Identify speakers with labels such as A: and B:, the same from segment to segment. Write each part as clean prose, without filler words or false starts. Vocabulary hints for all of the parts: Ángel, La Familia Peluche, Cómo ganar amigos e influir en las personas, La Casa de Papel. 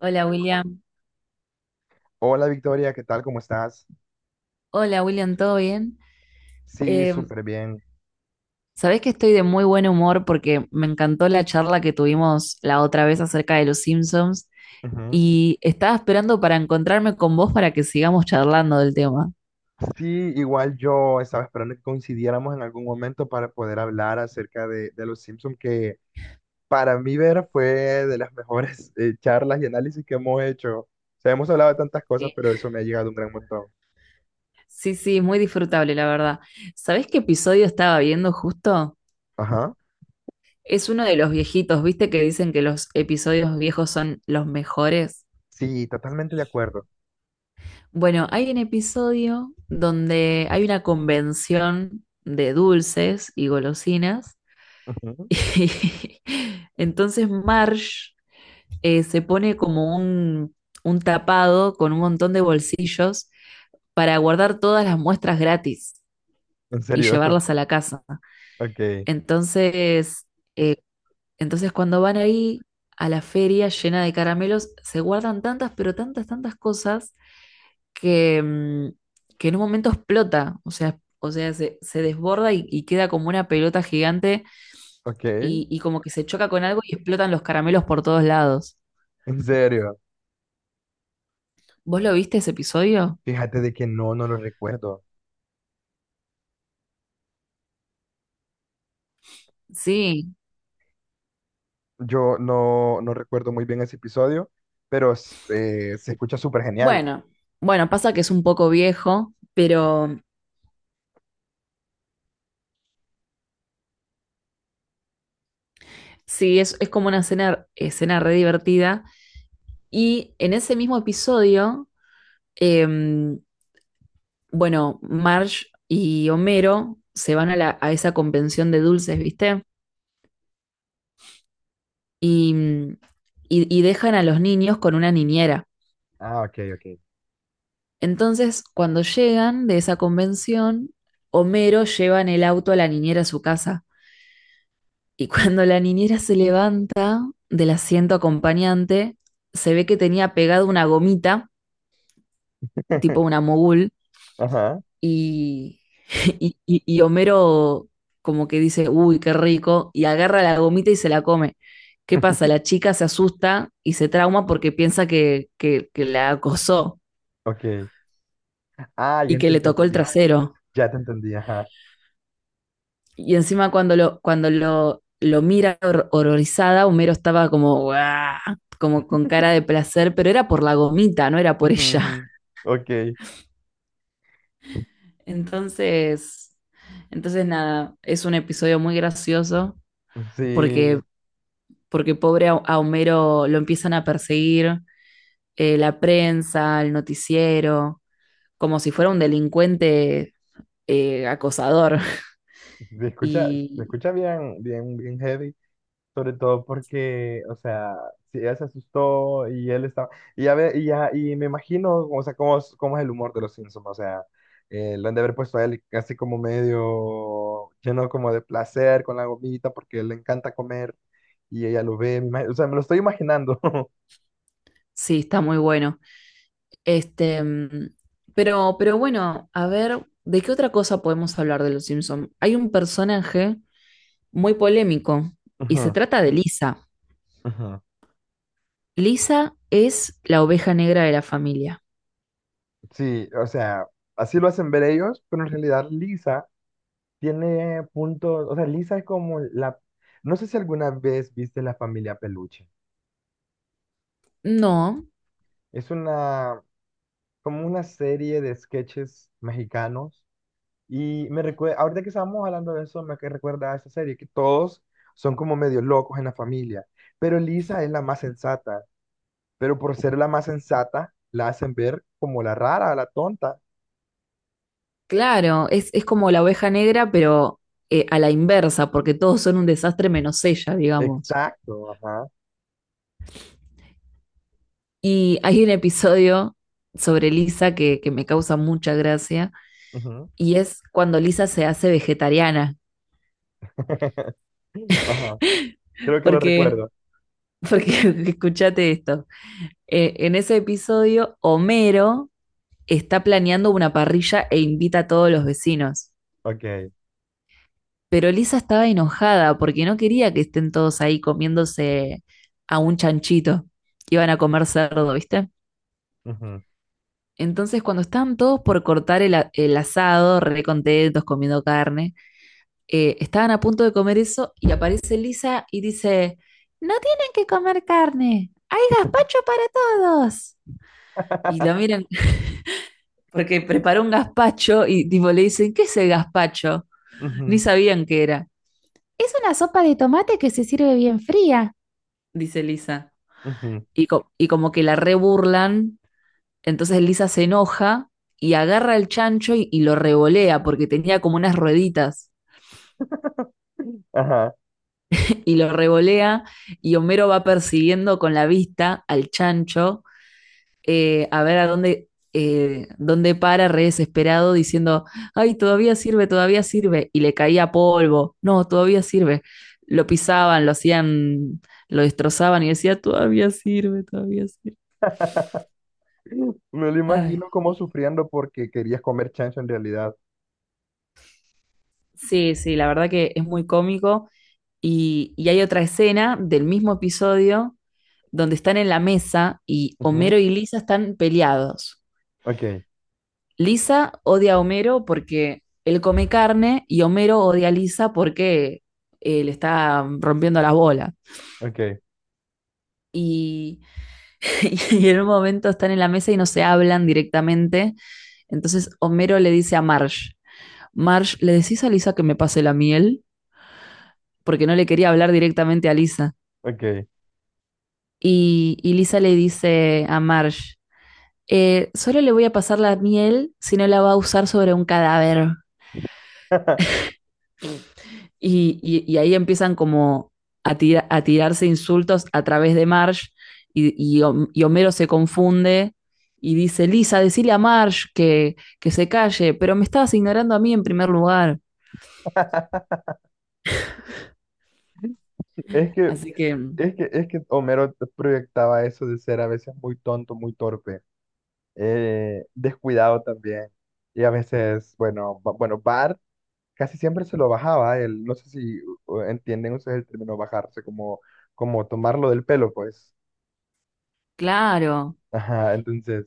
A: Hola William,
B: Hola Victoria, ¿qué tal? ¿Cómo estás?
A: hola William, ¿todo bien?
B: Sí,
A: Eh,
B: súper bien.
A: Sabés que estoy de muy buen humor porque me encantó la charla que tuvimos la otra vez acerca de los Simpsons
B: Ujú.
A: y estaba esperando para encontrarme con vos para que sigamos charlando del tema.
B: Sí, igual yo estaba esperando que coincidiéramos en algún momento para poder hablar acerca de los Simpsons, que para mí ver fue de las mejores charlas y análisis que hemos hecho. O sea, hemos hablado de tantas cosas,
A: Sí,
B: pero eso me ha llegado un gran montón.
A: sí, sí, muy disfrutable, la verdad. ¿Sabés qué episodio estaba viendo justo?
B: Ajá.
A: Es uno de los viejitos, ¿viste que dicen que los episodios viejos son los mejores?
B: Sí, totalmente de acuerdo.
A: Bueno, hay un episodio donde hay una convención de dulces y golosinas
B: Ujú.
A: y entonces Marge se pone como un tapado con un montón de bolsillos para guardar todas las muestras gratis
B: En
A: y
B: serio.
A: llevarlas a la casa.
B: Ok,
A: Entonces, eh, entonces cuando van ahí a la feria llena de caramelos, se guardan tantas, pero tantas, tantas cosas que, mm, que en un momento explota, o sea, se desborda y queda como una pelota gigante
B: ok.
A: y como que se choca con algo y explotan los caramelos por todos lados.
B: En serio.
A: ¿Vos lo viste ese episodio?
B: Fíjate de que no, no lo recuerdo.
A: Sí.
B: Yo no, no recuerdo muy bien ese episodio, pero se escucha súper genial.
A: Bueno, bueno, pasa que es un poco viejo, pero sí, es como una escena re divertida. Y en ese mismo episodio, em, bueno, Marge y Homero se van a esa convención de dulces, ¿viste? y, mm, y dejan a los niños con una niñera.
B: Ah, ok, ok.
A: Entonces, cuando llegan de esa convención, Homero lleva en el auto a la niñera a su casa. Y cuando la niñera se levanta del asiento acompañante, se ve que tenía pegado una gomita, tipo una mogul,
B: Ajá,
A: y, y Homero como que dice, uy, qué rico, y agarra la gomita y se la come. ¿Qué pasa? La chica se asusta y se trauma porque piensa que la acosó,
B: ok. Ah,
A: y
B: ya
A: que
B: te,
A: le
B: te
A: tocó el
B: entendí.
A: trasero.
B: Ya te entendí, ajá.
A: Y encima cuando lo mira horrorizada, Homero estaba como, "Guau", como con cara de placer, pero era por la gomita, no era por
B: Ujú, ujú.
A: ella.
B: Ok.
A: Entonces, entonces nada, es un episodio muy gracioso porque,
B: Sí,
A: porque pobre a Homero lo empiezan a perseguir la prensa, el noticiero, como si fuera un delincuente acosador.
B: se escucha, se
A: Y
B: escucha bien, bien, bien heavy. Sobre todo porque, o sea, si ella se asustó y él estaba. Y ya y me imagino, o sea, cómo es el humor de los Simpsons. O sea, lo han de haber puesto a él así como medio lleno como de placer con la gomita porque le encanta comer y ella lo ve. O sea, me lo estoy imaginando.
A: sí, está muy bueno. Este, mm, pero bueno, a ver, ¿de qué otra cosa podemos hablar de los Simpson? Hay un personaje muy polémico y se
B: Ujú,
A: trata de Lisa.
B: ujú.
A: Lisa es la oveja negra de la familia.
B: Sí, o sea, así lo hacen ver ellos, pero en realidad Lisa tiene puntos, o sea, Lisa es como la, no sé si alguna vez viste La Familia Peluche.
A: No,
B: Es una, como una serie de sketches mexicanos. Y me recuerda, ahorita que estábamos hablando de eso, me que recuerda a esa serie, que todos son como medio locos en la familia, pero Lisa es la más sensata, pero por ser la más sensata, la hacen ver como la rara, la tonta.
A: claro, es como la oveja negra, pero a la inversa, porque todos son un desastre menos ella, digamos.
B: Exacto, ajá.
A: Y hay un episodio sobre Lisa que me causa mucha gracia
B: Ujú.
A: y es cuando Lisa se hace vegetariana.
B: Ajá, creo que lo
A: Porque
B: recuerdo.
A: Porque escúchate esto. En ese episodio, Homero está planeando una parrilla e invita a todos los vecinos.
B: Ok.
A: Pero Lisa estaba enojada porque no quería que estén todos ahí comiéndose a un chanchito. Iban a comer cerdo, ¿viste?
B: Ujú,
A: Entonces, cuando estaban todos por cortar el asado, re contentos, comiendo carne, estaban a punto de comer eso y aparece Lisa y dice, no tienen que comer carne, hay gazpacho para todos. Y lo miran porque preparó un gazpacho y tipo le dicen, ¿qué es el gazpacho? Ni
B: ujú,
A: sabían qué era. Es una sopa de tomate que se sirve bien fría, dice Lisa.
B: ujú.
A: Y, y como que la reburlan, entonces Lisa se enoja y agarra el chancho y lo revolea, porque tenía como unas rueditas,
B: Ajá.
A: y lo revolea y Homero va persiguiendo con la vista al chancho a ver a dónde, dónde para, re desesperado, diciendo, ay, todavía sirve, y le caía polvo, no, todavía sirve. Lo pisaban, lo hacían, lo destrozaban y decía, todavía sirve, todavía sirve.
B: Me lo
A: Ay,
B: imagino como sufriendo porque querías comer chancho en realidad.
A: sí, sí, la verdad que es muy cómico. Y hay otra escena del mismo episodio donde están en la mesa y Homero y Lisa están peleados.
B: Ok,
A: Lisa odia a Homero porque él come carne y Homero odia a Lisa porque le está rompiendo las bolas.
B: ok,
A: Y, y en un momento están en la mesa y no se hablan directamente. Entonces Homero le dice a Marge, Marge, ¿le decís a Lisa que me pase la miel? Porque no le quería hablar directamente a Lisa.
B: ok.
A: Y Lisa le dice a Marge, solo le voy a pasar la miel si no la va a usar sobre un cadáver. Y ahí empiezan como a tirarse insultos a través de Marge y, y y Homero se confunde y dice, Lisa, decile a Marge que se calle, pero me estabas ignorando a mí en primer lugar.
B: Es que,
A: Así que,
B: es que Homero proyectaba eso de ser a veces muy tonto, muy torpe, descuidado también. Y a veces, bueno, bueno, Bart casi siempre se lo bajaba. Él, no sé si entienden ustedes el término bajarse, como, tomarlo del pelo, pues.
A: claro,
B: Ajá, entonces,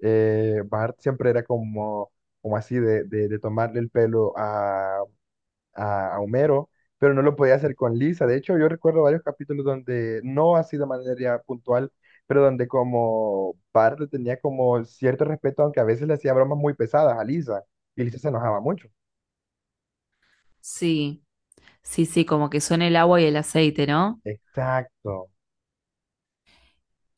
B: Bart siempre era como así de tomarle el pelo a, Homero, pero no lo podía hacer con Lisa. De hecho, yo recuerdo varios capítulos donde, no así de manera puntual, pero donde como Bart le tenía como cierto respeto, aunque a veces le hacía bromas muy pesadas a Lisa, y Lisa se enojaba mucho.
A: sí, sí, sí, como que son el agua y el aceite, ¿no?
B: Exacto,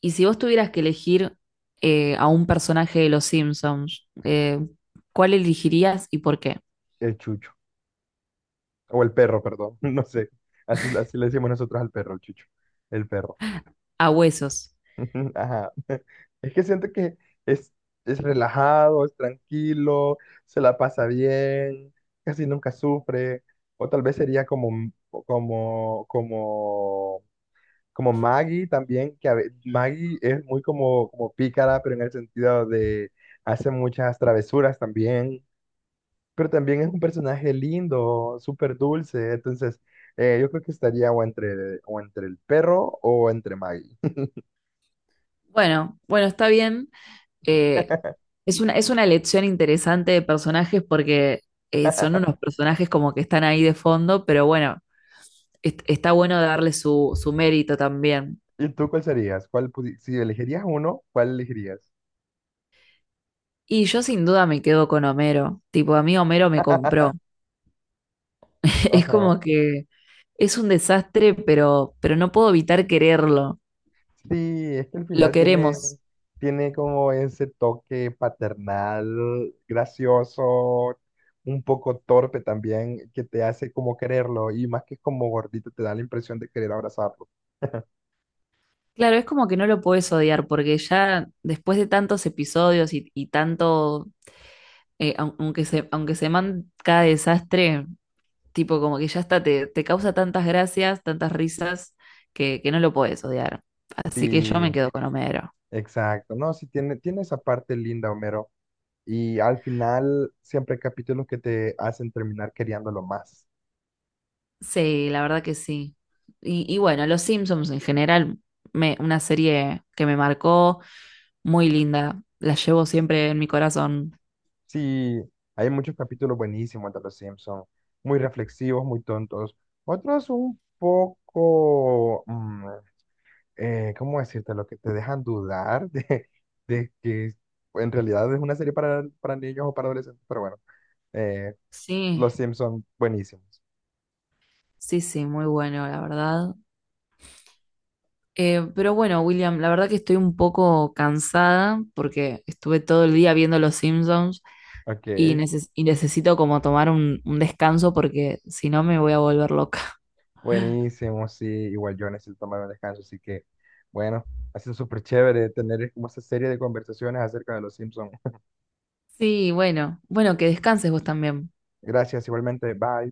A: Y si vos tuvieras que elegir a un personaje de Los Simpsons, ¿cuál elegirías y por qué?
B: el chucho, o el perro, perdón, no sé, así, así le decimos nosotros al perro, el chucho, el perro.
A: A huesos.
B: Ajá. Es que siento que es, es relajado, es tranquilo, se la pasa bien, casi nunca sufre. O tal vez sería como, M- como, como, como Maggie también, que Maggie es muy como pícara, pero en el sentido de hace muchas travesuras también. Pero también es un personaje lindo, súper dulce. Entonces, yo creo que estaría o entre el perro o entre Maggie.
A: Bueno, bueno, está bien. Eh, es una elección interesante de personajes porque son unos personajes como que están ahí de fondo, pero bueno, está bueno darle su, su mérito también.
B: ¿Y tú cuál serías? ¿Cuál pudi- si elegirías uno, cuál elegirías?
A: Y yo sin duda me quedo con Homero. Tipo, a mí Homero me compró. Es
B: Ajá.
A: como que es un desastre, pero no puedo evitar quererlo.
B: Sí, es que al
A: Lo
B: final tiene,
A: queremos.
B: tiene como ese toque paternal, gracioso, un poco torpe también, que te hace como quererlo y más que como gordito te da la impresión de querer abrazarlo.
A: Claro, es como que no lo puedes odiar porque ya después de tantos episodios y tanto, aunque aunque se manda cada desastre, tipo, como que ya está, te causa tantas gracias, tantas risas, que no lo puedes odiar. Así que yo
B: Sí,
A: me quedo con Homero.
B: exacto, ¿no? Sí, tiene esa parte linda, Homero. Y al final siempre hay capítulos que te hacen terminar queriéndolo más.
A: Sí, la verdad que sí. Y bueno, Los Simpsons en general, me, una serie que me marcó, muy linda. La llevo siempre en mi corazón.
B: Sí, hay muchos capítulos buenísimos de Los Simpson muy reflexivos, muy tontos. Otros un poco, ¿cómo decirte? Lo que te dejan dudar de que en realidad es una serie para niños o para adolescentes, pero bueno, eh,
A: Sí,
B: Los Simpson buenísimos.
A: sí, sí, muy bueno, la verdad. Pero bueno, William, la verdad que estoy un poco cansada porque estuve todo el día viendo Los Simpsons,
B: Ok,
A: y, y necesito como tomar un descanso porque si no me voy a volver loca.
B: buenísimos, sí, igual yo necesito tomar un descanso, así que bueno, ha sido súper chévere tener como esa serie de conversaciones acerca de Los Simpson.
A: Sí, bueno, bueno, que descanses vos también.
B: Gracias, igualmente, bye.